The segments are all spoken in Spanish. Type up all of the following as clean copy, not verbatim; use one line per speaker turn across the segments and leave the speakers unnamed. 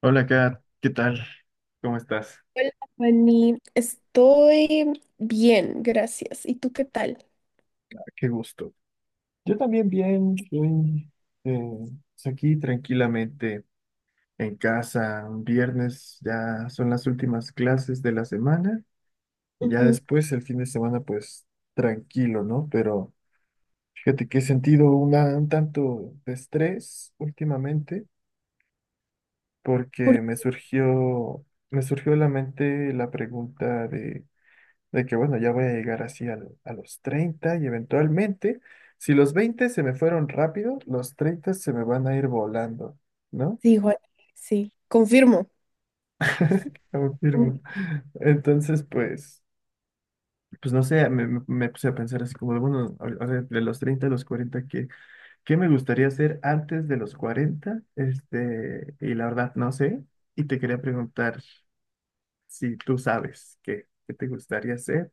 Hola, Kat, ¿qué tal? ¿Cómo estás?
Hola, Fanny. Estoy bien, gracias. ¿Y tú qué tal?
Qué gusto. Yo también bien, estoy eh, pues aquí tranquilamente en casa. Un viernes, ya son las últimas clases de la semana y ya
Ujú.
después el fin de semana, pues tranquilo, ¿no? Pero fíjate que he sentido un tanto de estrés últimamente
Por-
porque me surgió a la mente la pregunta de... bueno, ya voy a llegar así a los 30 y, eventualmente, si los 20 se me fueron rápido, los 30 se me van a ir volando, ¿no?
Sí, Juan, sí, confirmo.
Confirmo.
Mm.
Entonces, pues, pues no sé, me puse a pensar así como, de, bueno, a ver, de los 30 a los 40, ¿qué me gustaría hacer antes de los 40? Este, y la verdad, no sé. Y te quería preguntar si tú sabes qué te gustaría hacer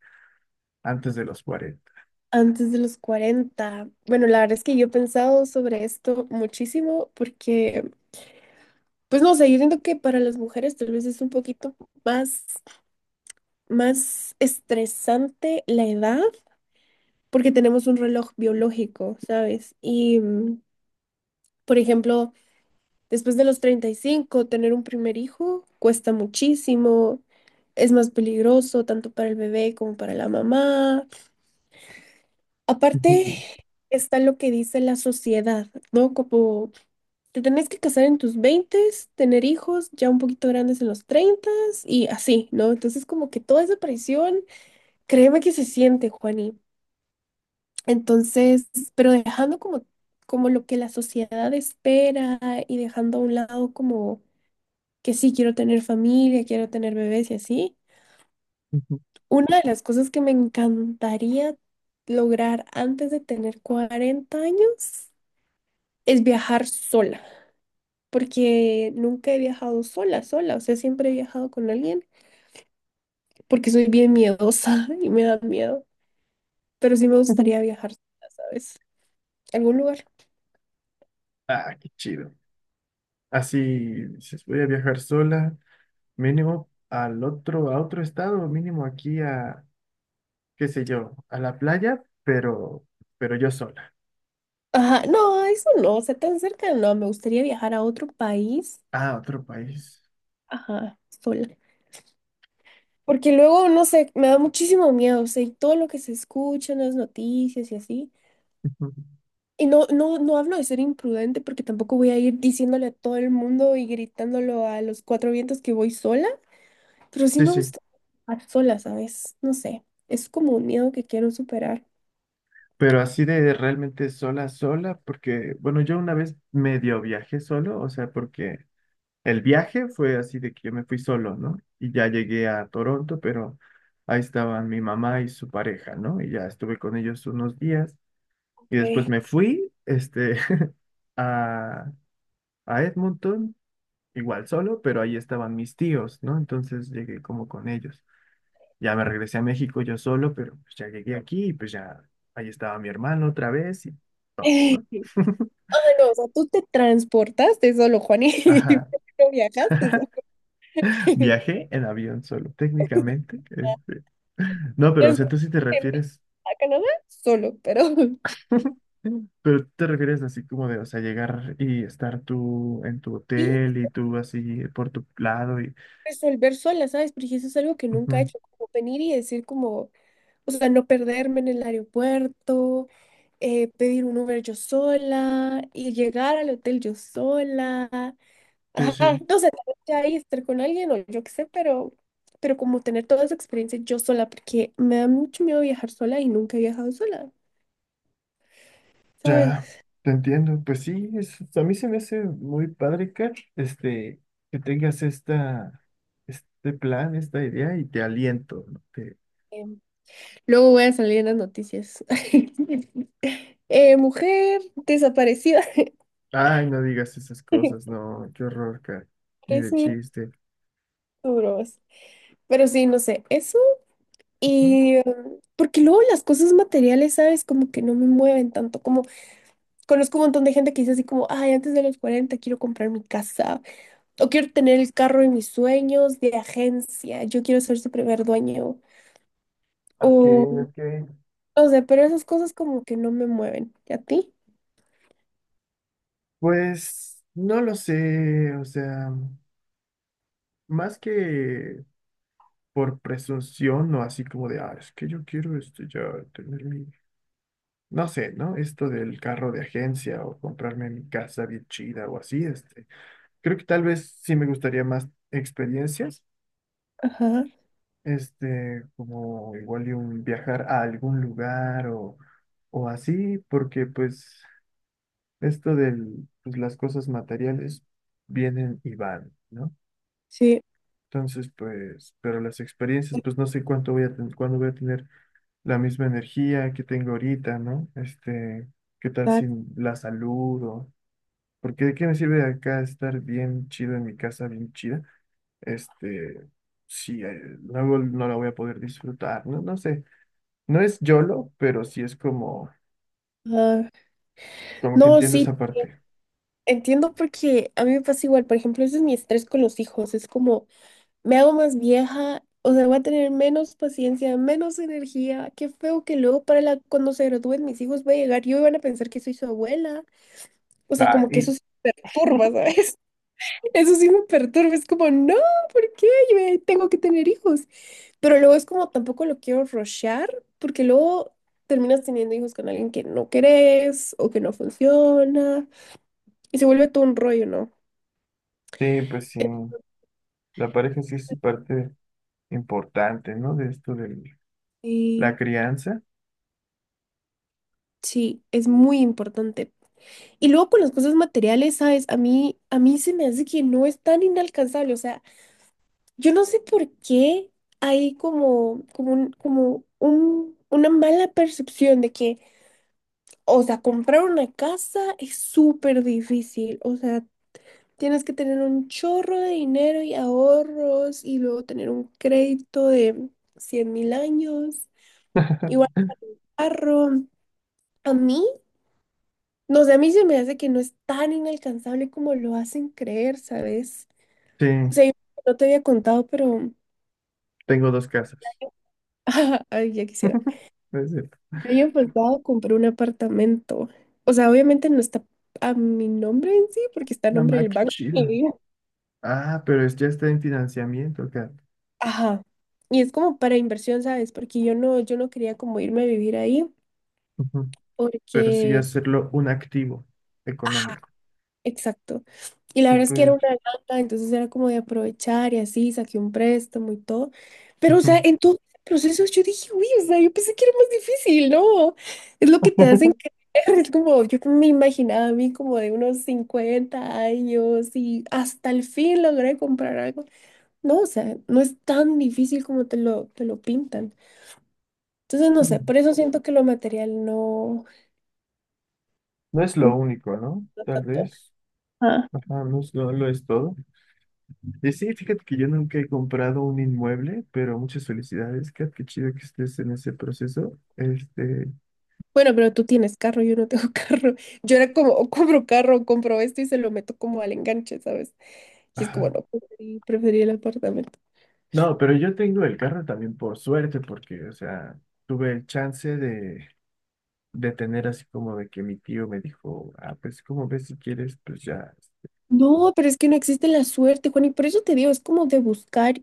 antes de los 40.
Antes de los 40. Bueno, la verdad es que yo he pensado sobre esto muchísimo porque, pues no sé, yo siento que para las mujeres tal vez es un poquito más, más estresante la edad porque tenemos un reloj biológico, ¿sabes? Y, por ejemplo. Después de los 35 tener un primer hijo cuesta muchísimo, es más peligroso tanto para el bebé como para la mamá.
Ujú,
Aparte está lo que dice la sociedad, ¿no? Como te tenés que casar en tus 20, tener hijos ya un poquito grandes en los 30 y así, ¿no? Entonces como que toda esa presión, créeme que se siente, Juani. Entonces, pero dejando como lo que la sociedad espera y dejando a un lado como que sí quiero tener familia, quiero tener bebés y así.
ujú.
Una de las cosas que me encantaría lograr antes de tener 40 años es viajar sola, porque nunca he viajado sola, sola, o sea, siempre he viajado con alguien, porque soy bien miedosa y me da miedo, pero sí me gustaría viajar sola, ¿sabes? ¿Algún lugar?
Ah, qué chido. Así, dices, voy a viajar sola, mínimo a otro estado, mínimo aquí a, qué sé yo, a la playa, pero yo sola.
Ajá, no, eso no, o sea, tan cerca no, me gustaría viajar a otro país,
Ah, otro país.
ajá, sola. Porque luego, no sé, me da muchísimo miedo, o sea, y todo lo que se escucha en las noticias y así.
Ujú.
Y no, no, no hablo de ser imprudente porque tampoco voy a ir diciéndole a todo el mundo y gritándolo a los cuatro vientos que voy sola, pero sí
Sí,
me
sí.
gusta estar sola, ¿sabes? No sé, es como un miedo que quiero superar.
Pero así de realmente sola, sola, porque, bueno, yo una vez medio viajé solo, o sea, porque el viaje fue así de que yo me fui solo, ¿no? Y ya llegué a Toronto, pero ahí estaban mi mamá y su pareja, ¿no? Y ya estuve con ellos unos días. Y después
Okay.
me fui, este, a, a Edmonton, igual solo, pero ahí estaban mis tíos, ¿no? Entonces llegué como con ellos. Ya me regresé a México yo solo, pero pues ya llegué aquí y pues ya ahí estaba mi hermano otra vez y todo,
Ay,
¿no?
no, o sea, tú te transportaste solo, Juan, y
Ajá.
no viajaste solo.
Viajé en avión solo, técnicamente. Este, no,
Te
pero o sea, tú
fuiste
sí te refieres,
a Canadá solo, pero
pero tú te refieres así como de, o sea, llegar y estar tú en tu
sí
hotel y tú así por tu lado y...
resolver sola, ¿sabes? Porque eso es algo que nunca he
Ujú.
hecho, como venir y decir como, o sea, no perderme en el aeropuerto, pedir un Uber yo sola y llegar al hotel yo sola.
Sí,
Ajá,
sí.
no sé, tal vez ya ahí estar con alguien o yo qué sé, pero como tener toda esa experiencia yo sola, porque me da mucho miedo viajar sola y nunca he viajado sola, ¿sabes?
Ya, te entiendo. Pues sí, es, a mí se me hace muy padre, Kat, este, que tengas esta, este plan, esta idea y te aliento, ¿no? Te...
Em, Luego voy a salir en las noticias. Mujer desaparecida.
Ay, no digas esas cosas, no, qué horror, Kat, ni de
Parece
chiste.
duro. Pero sí, no sé, eso.
Ujú.
Y porque luego las cosas materiales, ¿sabes? Como que no me mueven tanto. Como conozco un montón de gente que dice así como, ay, antes de los 40 quiero comprar mi casa o quiero tener el carro de mis sueños de agencia, yo quiero ser su primer dueño.
Ok,
O
ok.
no sé, pero esas cosas como que no me mueven. ¿Y a ti?
Pues no lo sé, o sea, más que por presunción o así como de, ah, es que yo quiero este, ya tener mi... no sé, ¿no? Esto del carro de agencia o comprarme mi casa bien chida o así, este, creo que tal vez sí me gustaría más experiencias,
Ajá,
este, como igual y un viajar a algún lugar o así, porque pues esto del, pues las cosas materiales vienen y van, ¿no?
sí,
Entonces, pues, pero las experiencias, pues no sé cuánto voy a ten- cuándo voy a tener la misma energía que tengo ahorita, ¿no? Este, ¿qué tal si
exacto.
la salud o... porque de qué me sirve acá estar bien chido en mi casa, bien chida, este, si luego no la voy a poder disfrutar, no, no sé. No es YOLO, pero sí es como,
Ajá.
como que
No,
entiendo
sí,
esa parte.
entiendo porque a mí me pasa igual. Por ejemplo, ese es mi estrés con los hijos. Es como, me hago más vieja, o sea, voy a tener menos paciencia, menos energía. Qué feo que luego cuando se gradúen mis hijos voy a llegar yo y van a pensar que soy su abuela. O sea,
Ah,
como que eso
y
sí me perturba, ¿sabes? Eso sí me perturba. Es como, no, ¿por qué? Yo ya tengo que tener hijos. Pero luego es como, tampoco lo quiero rushear, porque luego terminas teniendo hijos con alguien que no querés o que no funciona. Y se vuelve todo un rollo, ¿no?
sí, pues sí, la pareja sí es parte importante, ¿no? De esto de
Y
la
sí,
crianza.
sí, es muy importante. Y luego con las cosas materiales, ¿sabes? A mí se me hace que no es tan inalcanzable. O sea, yo no sé por qué hay como una mala percepción de que, o sea, comprar una casa es súper difícil. O sea, tienes que tener un chorro de dinero y ahorros y luego tener un crédito de 100.000 años. Igual carro. A mí, no sé, a mí se me hace que no es tan inalcanzable como lo hacen creer, ¿sabes?
Sí,
Sí, no te había contado, pero
tengo dos casas.
ay, ya quisiera.
Es de,
El año pasado compré un apartamento. O sea, obviamente no está a mi nombre en sí, porque está a
no,
nombre
ma,
del
qué
banco. Mi
chido.
vida.
Ah, pero es, ya está en financiamiento acá.
Ajá. Y es como para inversión, ¿sabes? Porque yo no quería como irme a vivir ahí,
Ujú. Pero sí
porque
hacerlo un activo
ajá,
económico.
exacto. Y la verdad es que era
Súper.
una ganga, entonces era como de aprovechar y así, saqué un préstamo y todo. Pero, o
Ujú.
sea, en todo el proceso yo dije, uy, o sea, yo pensé que era más difícil, ¿no? Es lo que te hacen creer, es como, yo me imaginaba a mí como de unos 50 años y hasta el fin logré comprar algo. No, o sea, no es tan difícil como te lo pintan. Entonces, no sé,
Mm.
por eso siento que lo material no,
No es lo
no
único, ¿no? Tal
tanto.
vez. Ajá, no es, no lo es todo. Y sí, fíjate que yo nunca he comprado un inmueble, pero muchas felicidades, Kat, qué chido que estés en ese proceso. Este,
Bueno, pero tú tienes carro, yo no tengo carro. Yo era como, o compro carro, o compro esto y se lo meto como al enganche, ¿sabes? Y es como,
ajá.
no, preferí el apartamento.
No, pero yo tengo el carro también por suerte, porque, o sea, tuve el chance de tener así como de que mi tío me dijo, ah, pues, como ves si quieres? Pues ya.
No, pero es que no existe la suerte, Juan, y por eso te digo, es como de buscar,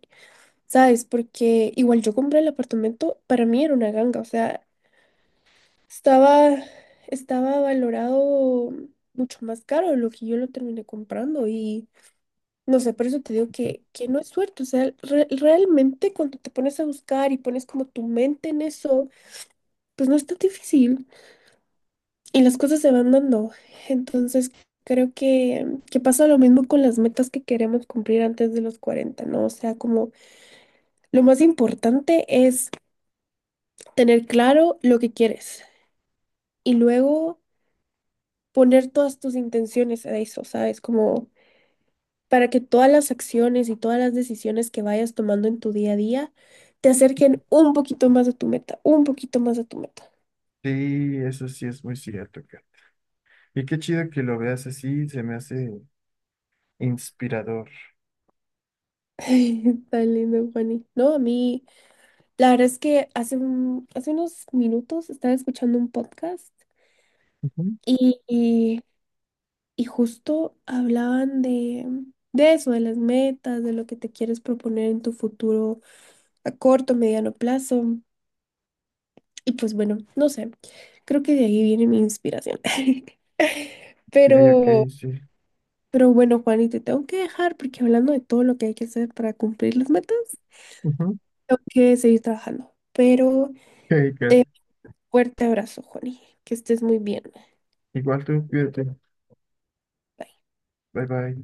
¿sabes? Porque igual yo compré el apartamento, para mí era una ganga, o sea, estaba, estaba valorado mucho más caro de lo que yo lo terminé comprando y no sé, por eso te digo que no es suerte. O sea, realmente cuando te pones a buscar y pones como tu mente en eso, pues no es tan difícil y las cosas se van dando. Entonces, creo que pasa lo mismo con las metas que queremos cumplir antes de los 40, ¿no? O sea, como lo más importante es tener claro lo que quieres y luego poner todas tus intenciones a eso, ¿sabes? Como para que todas las acciones y todas las decisiones que vayas tomando en tu día a día te acerquen un poquito más a tu meta, un poquito más a tu meta.
Sí, eso sí es muy cierto, Kat. Y qué chido que lo veas así, se me hace inspirador.
Ay, tan lindo, Juani. No, a mí, la verdad es que hace unos minutos estaba escuchando un podcast
Ujú.
y, y- y justo hablaban de eso, de las metas, de lo que te quieres proponer en tu futuro a corto, mediano plazo. Y pues bueno, no sé, creo que de ahí viene mi inspiración.
Ok,
Pero
ok, sí.
Pero bueno, Juani, te tengo que dejar porque hablando de todo lo que hay que hacer para cumplir las metas,
Ujú.
tengo que seguir trabajando. Pero
Ok, Kat.
te fuerte abrazo, Juani. Que estés muy bien.
Igual tú, cuídate. Bye bye.